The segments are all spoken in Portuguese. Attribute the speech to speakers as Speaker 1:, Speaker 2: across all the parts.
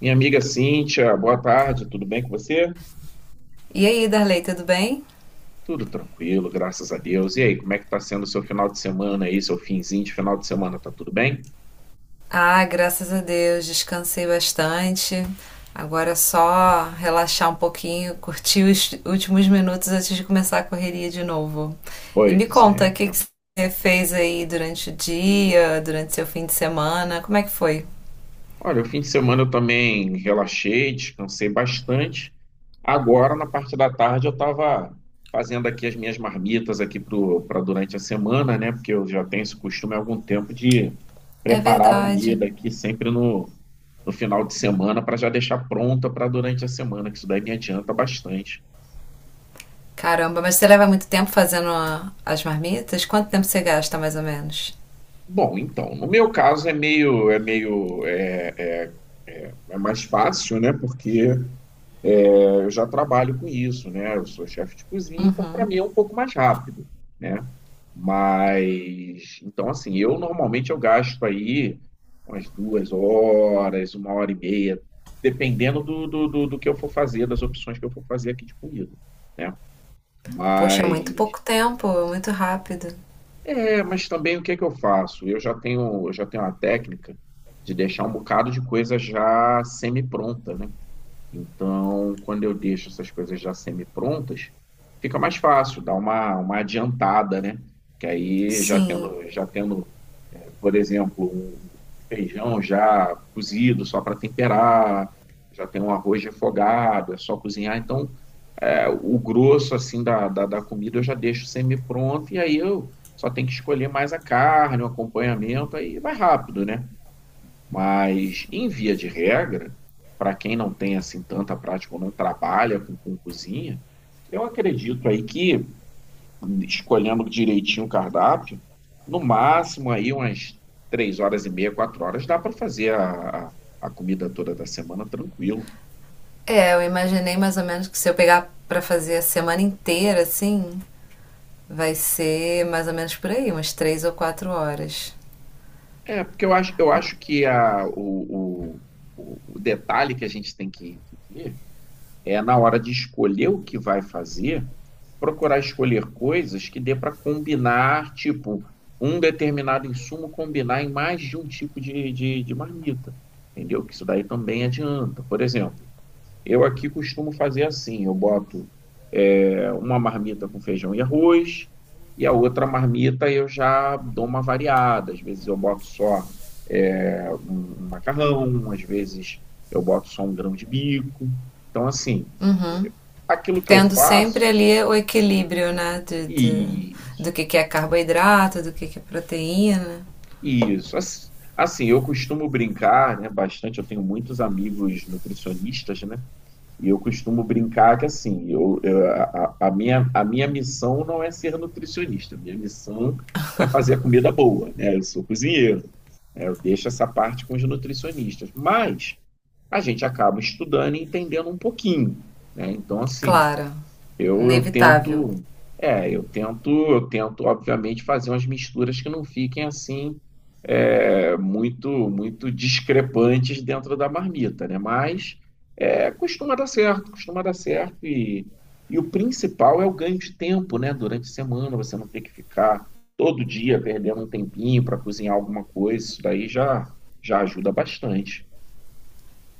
Speaker 1: Minha amiga Cíntia, boa tarde, tudo bem com você?
Speaker 2: E aí, Darley, tudo bem?
Speaker 1: Tudo tranquilo, graças a Deus. E aí, como é que tá sendo o seu final de semana aí, seu finzinho de final de semana, tá tudo bem?
Speaker 2: Ah, graças a Deus, descansei bastante. Agora é só relaxar um pouquinho, curtir os últimos minutos antes de começar a correria de novo. E me
Speaker 1: Pois
Speaker 2: conta,
Speaker 1: é.
Speaker 2: o que você fez aí durante o dia, durante seu fim de semana? Como é que foi?
Speaker 1: Olha, o fim de semana eu também relaxei, descansei bastante. Agora, na parte da tarde, eu estava fazendo aqui as minhas marmitas aqui para durante a semana, né? Porque eu já tenho esse costume há algum tempo de
Speaker 2: É
Speaker 1: preparar a
Speaker 2: verdade.
Speaker 1: comida aqui sempre no final de semana para já deixar pronta para durante a semana, que isso daí me adianta bastante.
Speaker 2: Caramba, mas você leva muito tempo fazendo as marmitas? Quanto tempo você gasta, mais ou menos?
Speaker 1: Bom, então, no meu caso é meio, é mais fácil, né? Porque eu já trabalho com isso, né? Eu sou chefe de cozinha, então para mim é um pouco mais rápido, né? Mas então assim, eu normalmente eu gasto aí umas 2 horas, 1 hora e meia, dependendo do que eu for fazer, das opções que eu for fazer aqui de comida, né?
Speaker 2: Poxa, muito
Speaker 1: Mas
Speaker 2: pouco tempo, muito rápido.
Speaker 1: mas também o que é que eu faço? Eu já tenho uma técnica de deixar um bocado de coisa já semi-pronta, né? Então, quando eu deixo essas coisas já semi-prontas, fica mais fácil, dá uma adiantada, né? Que aí já
Speaker 2: Sim.
Speaker 1: tendo, já tendo, por exemplo, um feijão já cozido só para temperar, já tem um arroz refogado, é só cozinhar. Então, o grosso assim da comida eu já deixo semi-pronto e aí eu só tenho que escolher mais a carne, o acompanhamento, aí vai rápido, né? Mas, em via de regra, para quem não tem assim tanta prática ou não trabalha com cozinha, eu acredito aí que, escolhendo direitinho o cardápio, no máximo aí umas 3 horas e meia, 4 horas, dá para fazer a comida toda da semana tranquilo.
Speaker 2: É, eu imaginei mais ou menos que se eu pegar pra fazer a semana inteira, assim, vai ser mais ou menos por aí, umas três ou quatro horas.
Speaker 1: Porque eu acho que a, o detalhe que a gente tem que ver é na hora de escolher o que vai fazer, procurar escolher coisas que dê para combinar, tipo, um determinado insumo combinar em mais de um tipo de marmita, entendeu? Que isso daí também adianta. Por exemplo, eu aqui costumo fazer assim, eu boto uma marmita com feijão e arroz, e a outra marmita eu já dou uma variada. Às vezes eu boto só um macarrão, às vezes eu boto só um grão de bico. Então, assim, aquilo que eu
Speaker 2: Tendo
Speaker 1: faço.
Speaker 2: sempre ali o equilíbrio, né? Do
Speaker 1: Isso,
Speaker 2: que é carboidrato, do que é proteína.
Speaker 1: isso. Assim, eu costumo brincar, né, bastante. Eu tenho muitos amigos nutricionistas, né? E eu costumo brincar que, assim, a minha missão não é ser nutricionista. A minha missão é fazer a comida boa, né? Eu sou cozinheiro, né? Eu deixo essa parte com os nutricionistas. Mas a gente acaba estudando e entendendo um pouquinho, né? Então, assim.
Speaker 2: Claro,
Speaker 1: Eu
Speaker 2: inevitável.
Speaker 1: tento, é, eu tento, obviamente, fazer umas misturas que não fiquem assim muito, muito discrepantes dentro da marmita, né? Mas costuma dar certo e o principal é o ganho de tempo, né? Durante a semana você não ter que ficar todo dia perdendo um tempinho para cozinhar alguma coisa, isso daí já ajuda bastante.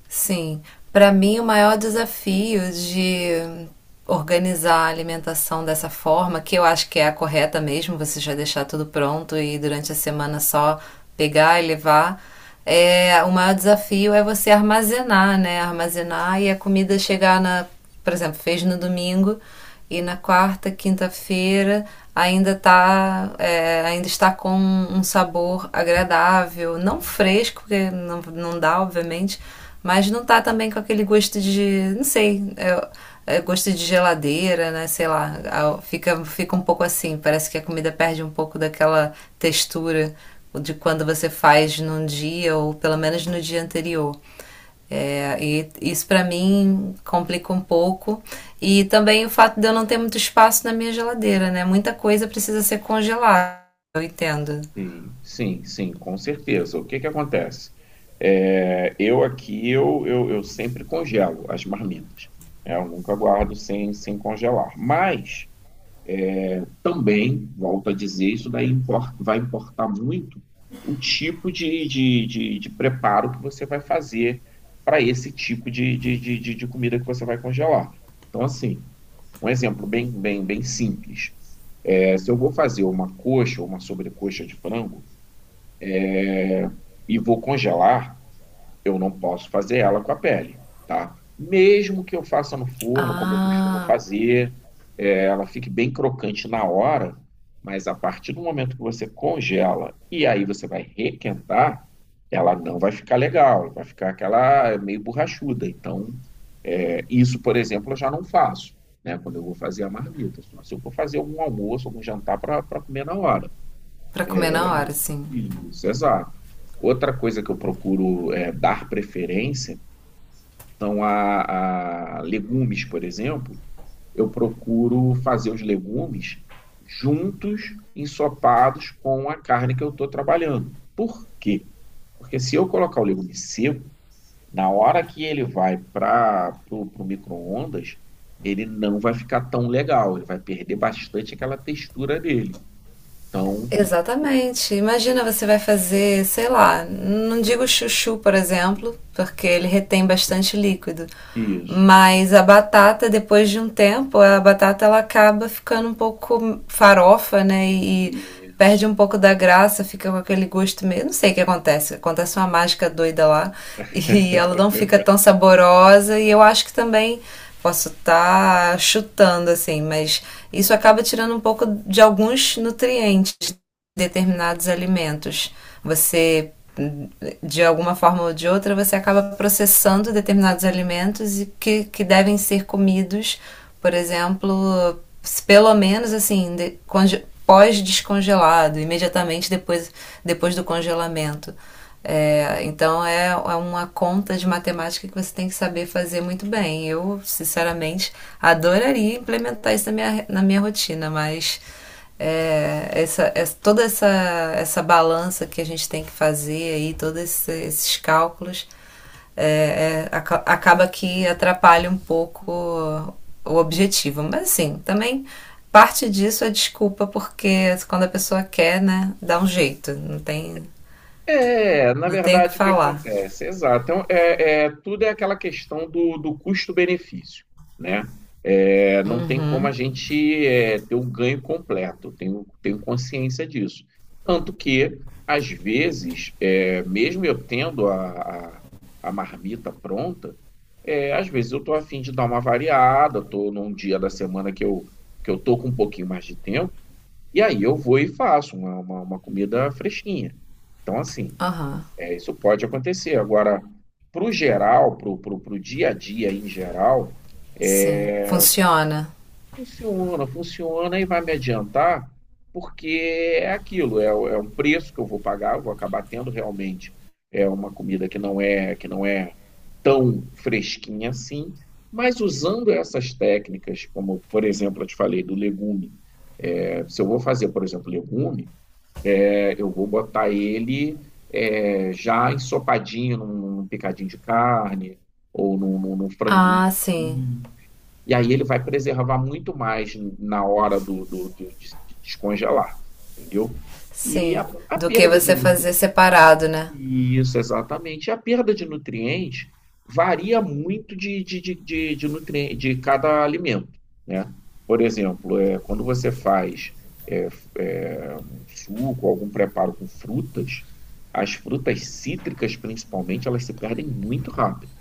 Speaker 2: Sim, para mim o maior desafio de organizar a alimentação dessa forma, que eu acho que é a correta mesmo, você já deixar tudo pronto e durante a semana só pegar e levar, o maior desafio é você armazenar, né? Armazenar e a comida chegar na, por exemplo, fez no domingo e na quarta, quinta-feira ainda tá, ainda está com um sabor agradável, não fresco, porque não, não dá, obviamente, mas não tá também com aquele gosto de, não sei, é gosto de geladeira, né? Sei lá, fica, fica um pouco assim, parece que a comida perde um pouco daquela textura de quando você faz num dia ou pelo menos no dia anterior. É, e isso para mim complica um pouco. E também o fato de eu não ter muito espaço na minha geladeira, né? Muita coisa precisa ser congelada, eu entendo.
Speaker 1: Sim, sim, sim, com certeza. O que que acontece? É, eu aqui, eu sempre congelo as marmitas. Né? Eu nunca guardo sem congelar. Mas também, volto a dizer, isso daí vai importar muito o tipo de preparo que você vai fazer para esse tipo de comida que você vai congelar. Então, assim, um exemplo bem simples. Se eu vou fazer uma coxa ou uma sobrecoxa de frango, e vou congelar, eu não posso fazer ela com a pele, tá? Mesmo que eu faça no forno, como eu costumo
Speaker 2: Ah,
Speaker 1: fazer, ela fique bem crocante na hora, mas a partir do momento que você congela e aí você vai requentar, ela não vai ficar legal, vai ficar aquela meio borrachuda. Então, isso, por exemplo, eu já não faço, né? Quando eu vou fazer a marmita, só se eu for fazer algum almoço, algum jantar para comer na hora.
Speaker 2: para comer na hora, sim.
Speaker 1: Isso, exato. Outra coisa que eu procuro é dar preferência são a legumes, por exemplo. Eu procuro fazer os legumes juntos, ensopados com a carne que eu estou trabalhando. Por quê? Porque se eu colocar o legume seco, na hora que ele vai para o micro-ondas, ele não vai ficar tão legal, ele vai perder bastante aquela textura dele. Então,
Speaker 2: Exatamente. Imagina você vai fazer, sei lá, não digo chuchu, por exemplo, porque ele retém bastante líquido,
Speaker 1: isso,
Speaker 2: mas a batata, depois de um tempo, a batata ela acaba ficando um pouco farofa, né? E perde um
Speaker 1: isso.
Speaker 2: pouco da graça, fica com aquele gosto meio. Não sei o que acontece, acontece uma mágica doida lá e ela não fica tão saborosa. E eu acho que também posso estar chutando assim, mas isso acaba tirando um pouco de alguns nutrientes determinados alimentos. Você, de alguma forma ou de outra, você acaba processando determinados alimentos que devem ser comidos, por exemplo, pelo menos assim, pós-descongelado, imediatamente depois, depois do congelamento. É, então é, é uma conta de matemática que você tem que saber fazer muito bem. Eu, sinceramente, adoraria implementar isso na minha rotina, mas é, essa, essa, toda essa, essa balança que a gente tem que fazer aí, esses cálculos, é, é, acaba que atrapalha um pouco o objetivo. Mas assim, também parte disso é desculpa, porque quando a pessoa quer, né, dá um jeito, não tem,
Speaker 1: É, na
Speaker 2: não tem o que
Speaker 1: verdade, o que
Speaker 2: falar.
Speaker 1: acontece? Exato. Então, tudo é aquela questão do custo-benefício, né? Não tem como a gente ter um ganho completo, tenho consciência disso. Tanto que, às vezes, mesmo eu tendo a, a marmita pronta, às vezes eu estou a fim de dar uma variada, estou num dia da semana que eu estou com um pouquinho mais de tempo, e aí eu vou e faço uma comida fresquinha. Então, assim.
Speaker 2: Aham, uhum,
Speaker 1: Isso pode acontecer. Agora, para o geral, para o dia a dia em geral, é,
Speaker 2: sim, funciona.
Speaker 1: funciona, funciona e vai me adiantar, porque é aquilo, é um preço que eu vou pagar, eu vou acabar tendo realmente é uma comida que não é tão fresquinha assim, mas usando essas técnicas, como por exemplo, eu te falei do legume, se eu vou fazer, por exemplo, legume eu vou botar ele, já ensopadinho num picadinho de carne ou num franguinho.
Speaker 2: Ah, sim,
Speaker 1: E aí ele vai preservar muito mais na hora de descongelar, entendeu? E
Speaker 2: sim.
Speaker 1: a
Speaker 2: Do que
Speaker 1: perda de,
Speaker 2: você
Speaker 1: nu-
Speaker 2: fazer separado, né?
Speaker 1: Isso, exatamente. E a perda de nutrientes varia muito de cada alimento, né? Por exemplo, quando você faz um suco, algum preparo com frutas, as frutas cítricas, principalmente, elas se perdem muito rápido.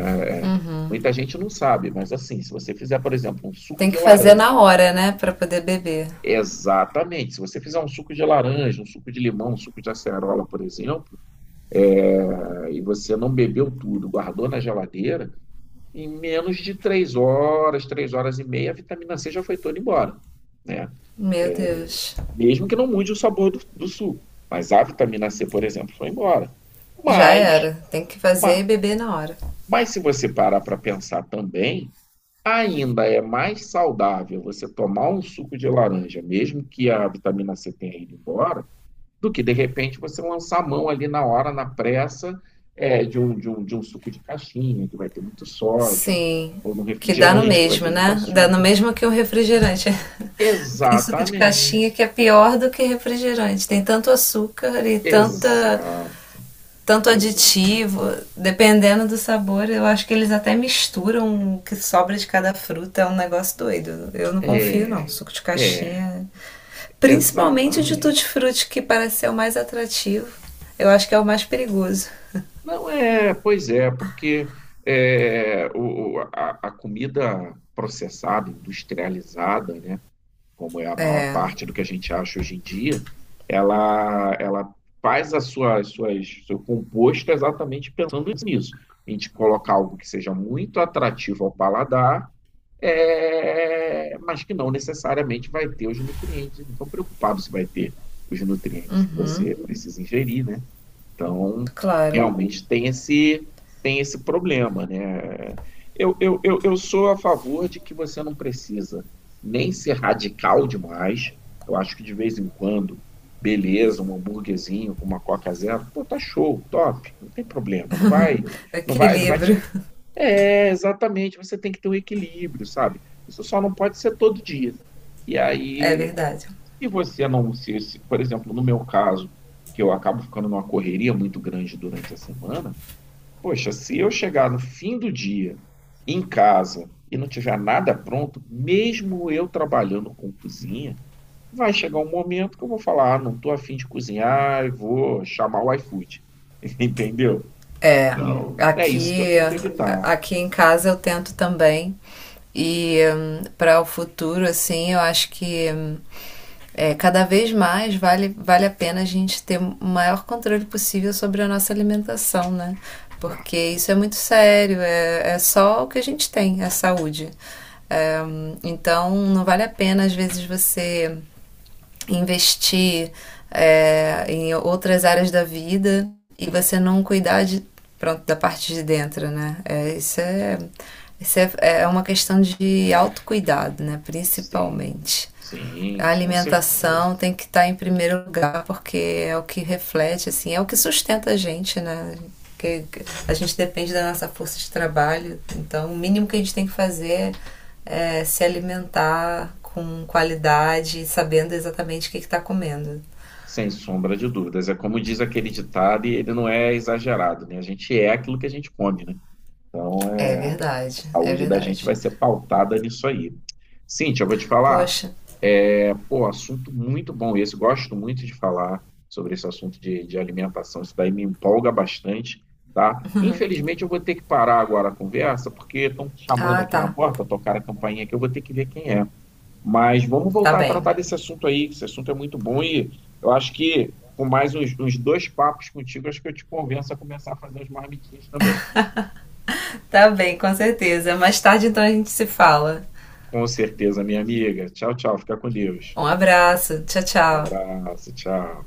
Speaker 1: Né? Muita gente não sabe, mas assim, se você fizer, por exemplo, um suco
Speaker 2: Tem
Speaker 1: de
Speaker 2: que fazer
Speaker 1: laranja,
Speaker 2: na hora, né, pra poder beber.
Speaker 1: exatamente, se você fizer um suco de laranja, um suco de limão, um suco de acerola, por exemplo, aí você não bebeu tudo, guardou na geladeira, em menos de 3 horas, 3 horas e meia, a vitamina C já foi toda embora, né?
Speaker 2: Meu Deus.
Speaker 1: Mesmo que não mude o sabor do suco. Mas a vitamina C, por exemplo, foi embora.
Speaker 2: Já
Speaker 1: Mas,
Speaker 2: era. Tem que fazer
Speaker 1: ma-
Speaker 2: e beber na hora.
Speaker 1: mas se você parar para pensar também, ainda é mais saudável você tomar um suco de laranja, mesmo que a vitamina C tenha ido embora, do que de repente você lançar a mão ali na hora, na pressa, de um suco de caixinha, que vai ter muito sódio,
Speaker 2: Sim.
Speaker 1: ou num
Speaker 2: Que dá no
Speaker 1: refrigerante, que vai ter
Speaker 2: mesmo,
Speaker 1: muito
Speaker 2: né? Dá no
Speaker 1: açúcar.
Speaker 2: mesmo que um refrigerante. Tem suco de caixinha que
Speaker 1: Exatamente.
Speaker 2: é pior do que refrigerante. Tem tanto açúcar e tanta,
Speaker 1: Exato.
Speaker 2: tanto
Speaker 1: Exato.
Speaker 2: aditivo. Dependendo do sabor, eu acho que eles até misturam o que sobra de cada fruta. É um negócio doido. Eu não confio, não.
Speaker 1: É,
Speaker 2: Suco de
Speaker 1: é,
Speaker 2: caixinha. Principalmente o de
Speaker 1: exatamente.
Speaker 2: tutti-frutti, que parece ser o mais atrativo. Eu acho que é o mais perigoso.
Speaker 1: Não é, pois é, porque a comida processada, industrializada, né? Como é a maior parte do que a gente acha hoje em dia, ela faz as suas, suas, seu composto exatamente pensando nisso. A gente colocar algo que seja muito atrativo ao paladar, mas que não necessariamente vai ter os nutrientes. Não estou preocupado se vai ter os nutrientes que você precisa ingerir, né? Então,
Speaker 2: Claro.
Speaker 1: realmente tem esse problema, né? Eu sou a favor de que você não precisa nem ser radical demais. Eu acho que de vez em quando, beleza, um hambúrguerzinho com uma Coca Zero, pô, tá show, top, não tem problema, não vai, não vai, não vai
Speaker 2: Equilíbrio,
Speaker 1: te. Exatamente, você tem que ter um equilíbrio, sabe? Isso só não pode ser todo dia. E
Speaker 2: é
Speaker 1: aí
Speaker 2: verdade.
Speaker 1: se você não por exemplo, no meu caso, que eu acabo ficando numa correria muito grande durante a semana, poxa, se eu chegar no fim do dia em casa e não tiver nada pronto, mesmo eu trabalhando com cozinha, vai chegar um momento que eu vou falar, ah, não estou afim de cozinhar e vou chamar o iFood, entendeu?
Speaker 2: É,
Speaker 1: Tá. Então, é isso que eu
Speaker 2: aqui,
Speaker 1: tento evitar.
Speaker 2: aqui em casa eu tento também. E para o futuro, assim, eu acho que é, cada vez mais vale, vale a pena a gente ter o maior controle possível sobre a nossa alimentação, né? Porque isso é muito sério, é, é só o que a gente tem, a saúde. Então, não vale a pena, às vezes, você investir em outras áreas da vida e você não cuidar de, pronto, da parte de dentro, né? Isso é, é uma questão de autocuidado, né?
Speaker 1: Sim,
Speaker 2: Principalmente a
Speaker 1: sim, com certeza.
Speaker 2: alimentação tem que estar em primeiro lugar, porque é o que reflete, assim, é o que sustenta a gente, né? Que a gente depende da nossa força de trabalho, então o mínimo que a gente tem que fazer é se alimentar com qualidade, sabendo exatamente o que está comendo.
Speaker 1: Sem sombra de dúvidas. É como diz aquele ditado, e ele não é exagerado, né? A gente é aquilo que a gente come, né? Então,
Speaker 2: É
Speaker 1: a
Speaker 2: verdade, é
Speaker 1: saúde da gente vai
Speaker 2: verdade.
Speaker 1: ser pautada nisso aí. Cíntia, eu vou te falar.
Speaker 2: Poxa,
Speaker 1: Pô, assunto muito bom esse. Gosto muito de falar sobre esse assunto de alimentação. Isso daí me empolga bastante, tá? Infelizmente, eu vou ter que parar agora a conversa, porque estão chamando
Speaker 2: ah
Speaker 1: aqui na
Speaker 2: tá,
Speaker 1: porta, tocar a campainha aqui, eu vou ter que ver quem é. Mas vamos
Speaker 2: tá
Speaker 1: voltar a
Speaker 2: bem.
Speaker 1: tratar desse assunto aí, que esse assunto é muito bom e eu acho que com mais uns dois papos contigo, acho que eu te convenço a começar a fazer os marmitinhas também.
Speaker 2: Tá bem, com certeza. Mais tarde então a gente se fala.
Speaker 1: Com certeza, minha amiga. Tchau, tchau. Fica com Deus.
Speaker 2: Um abraço, tchau, tchau.
Speaker 1: Abraço, tchau.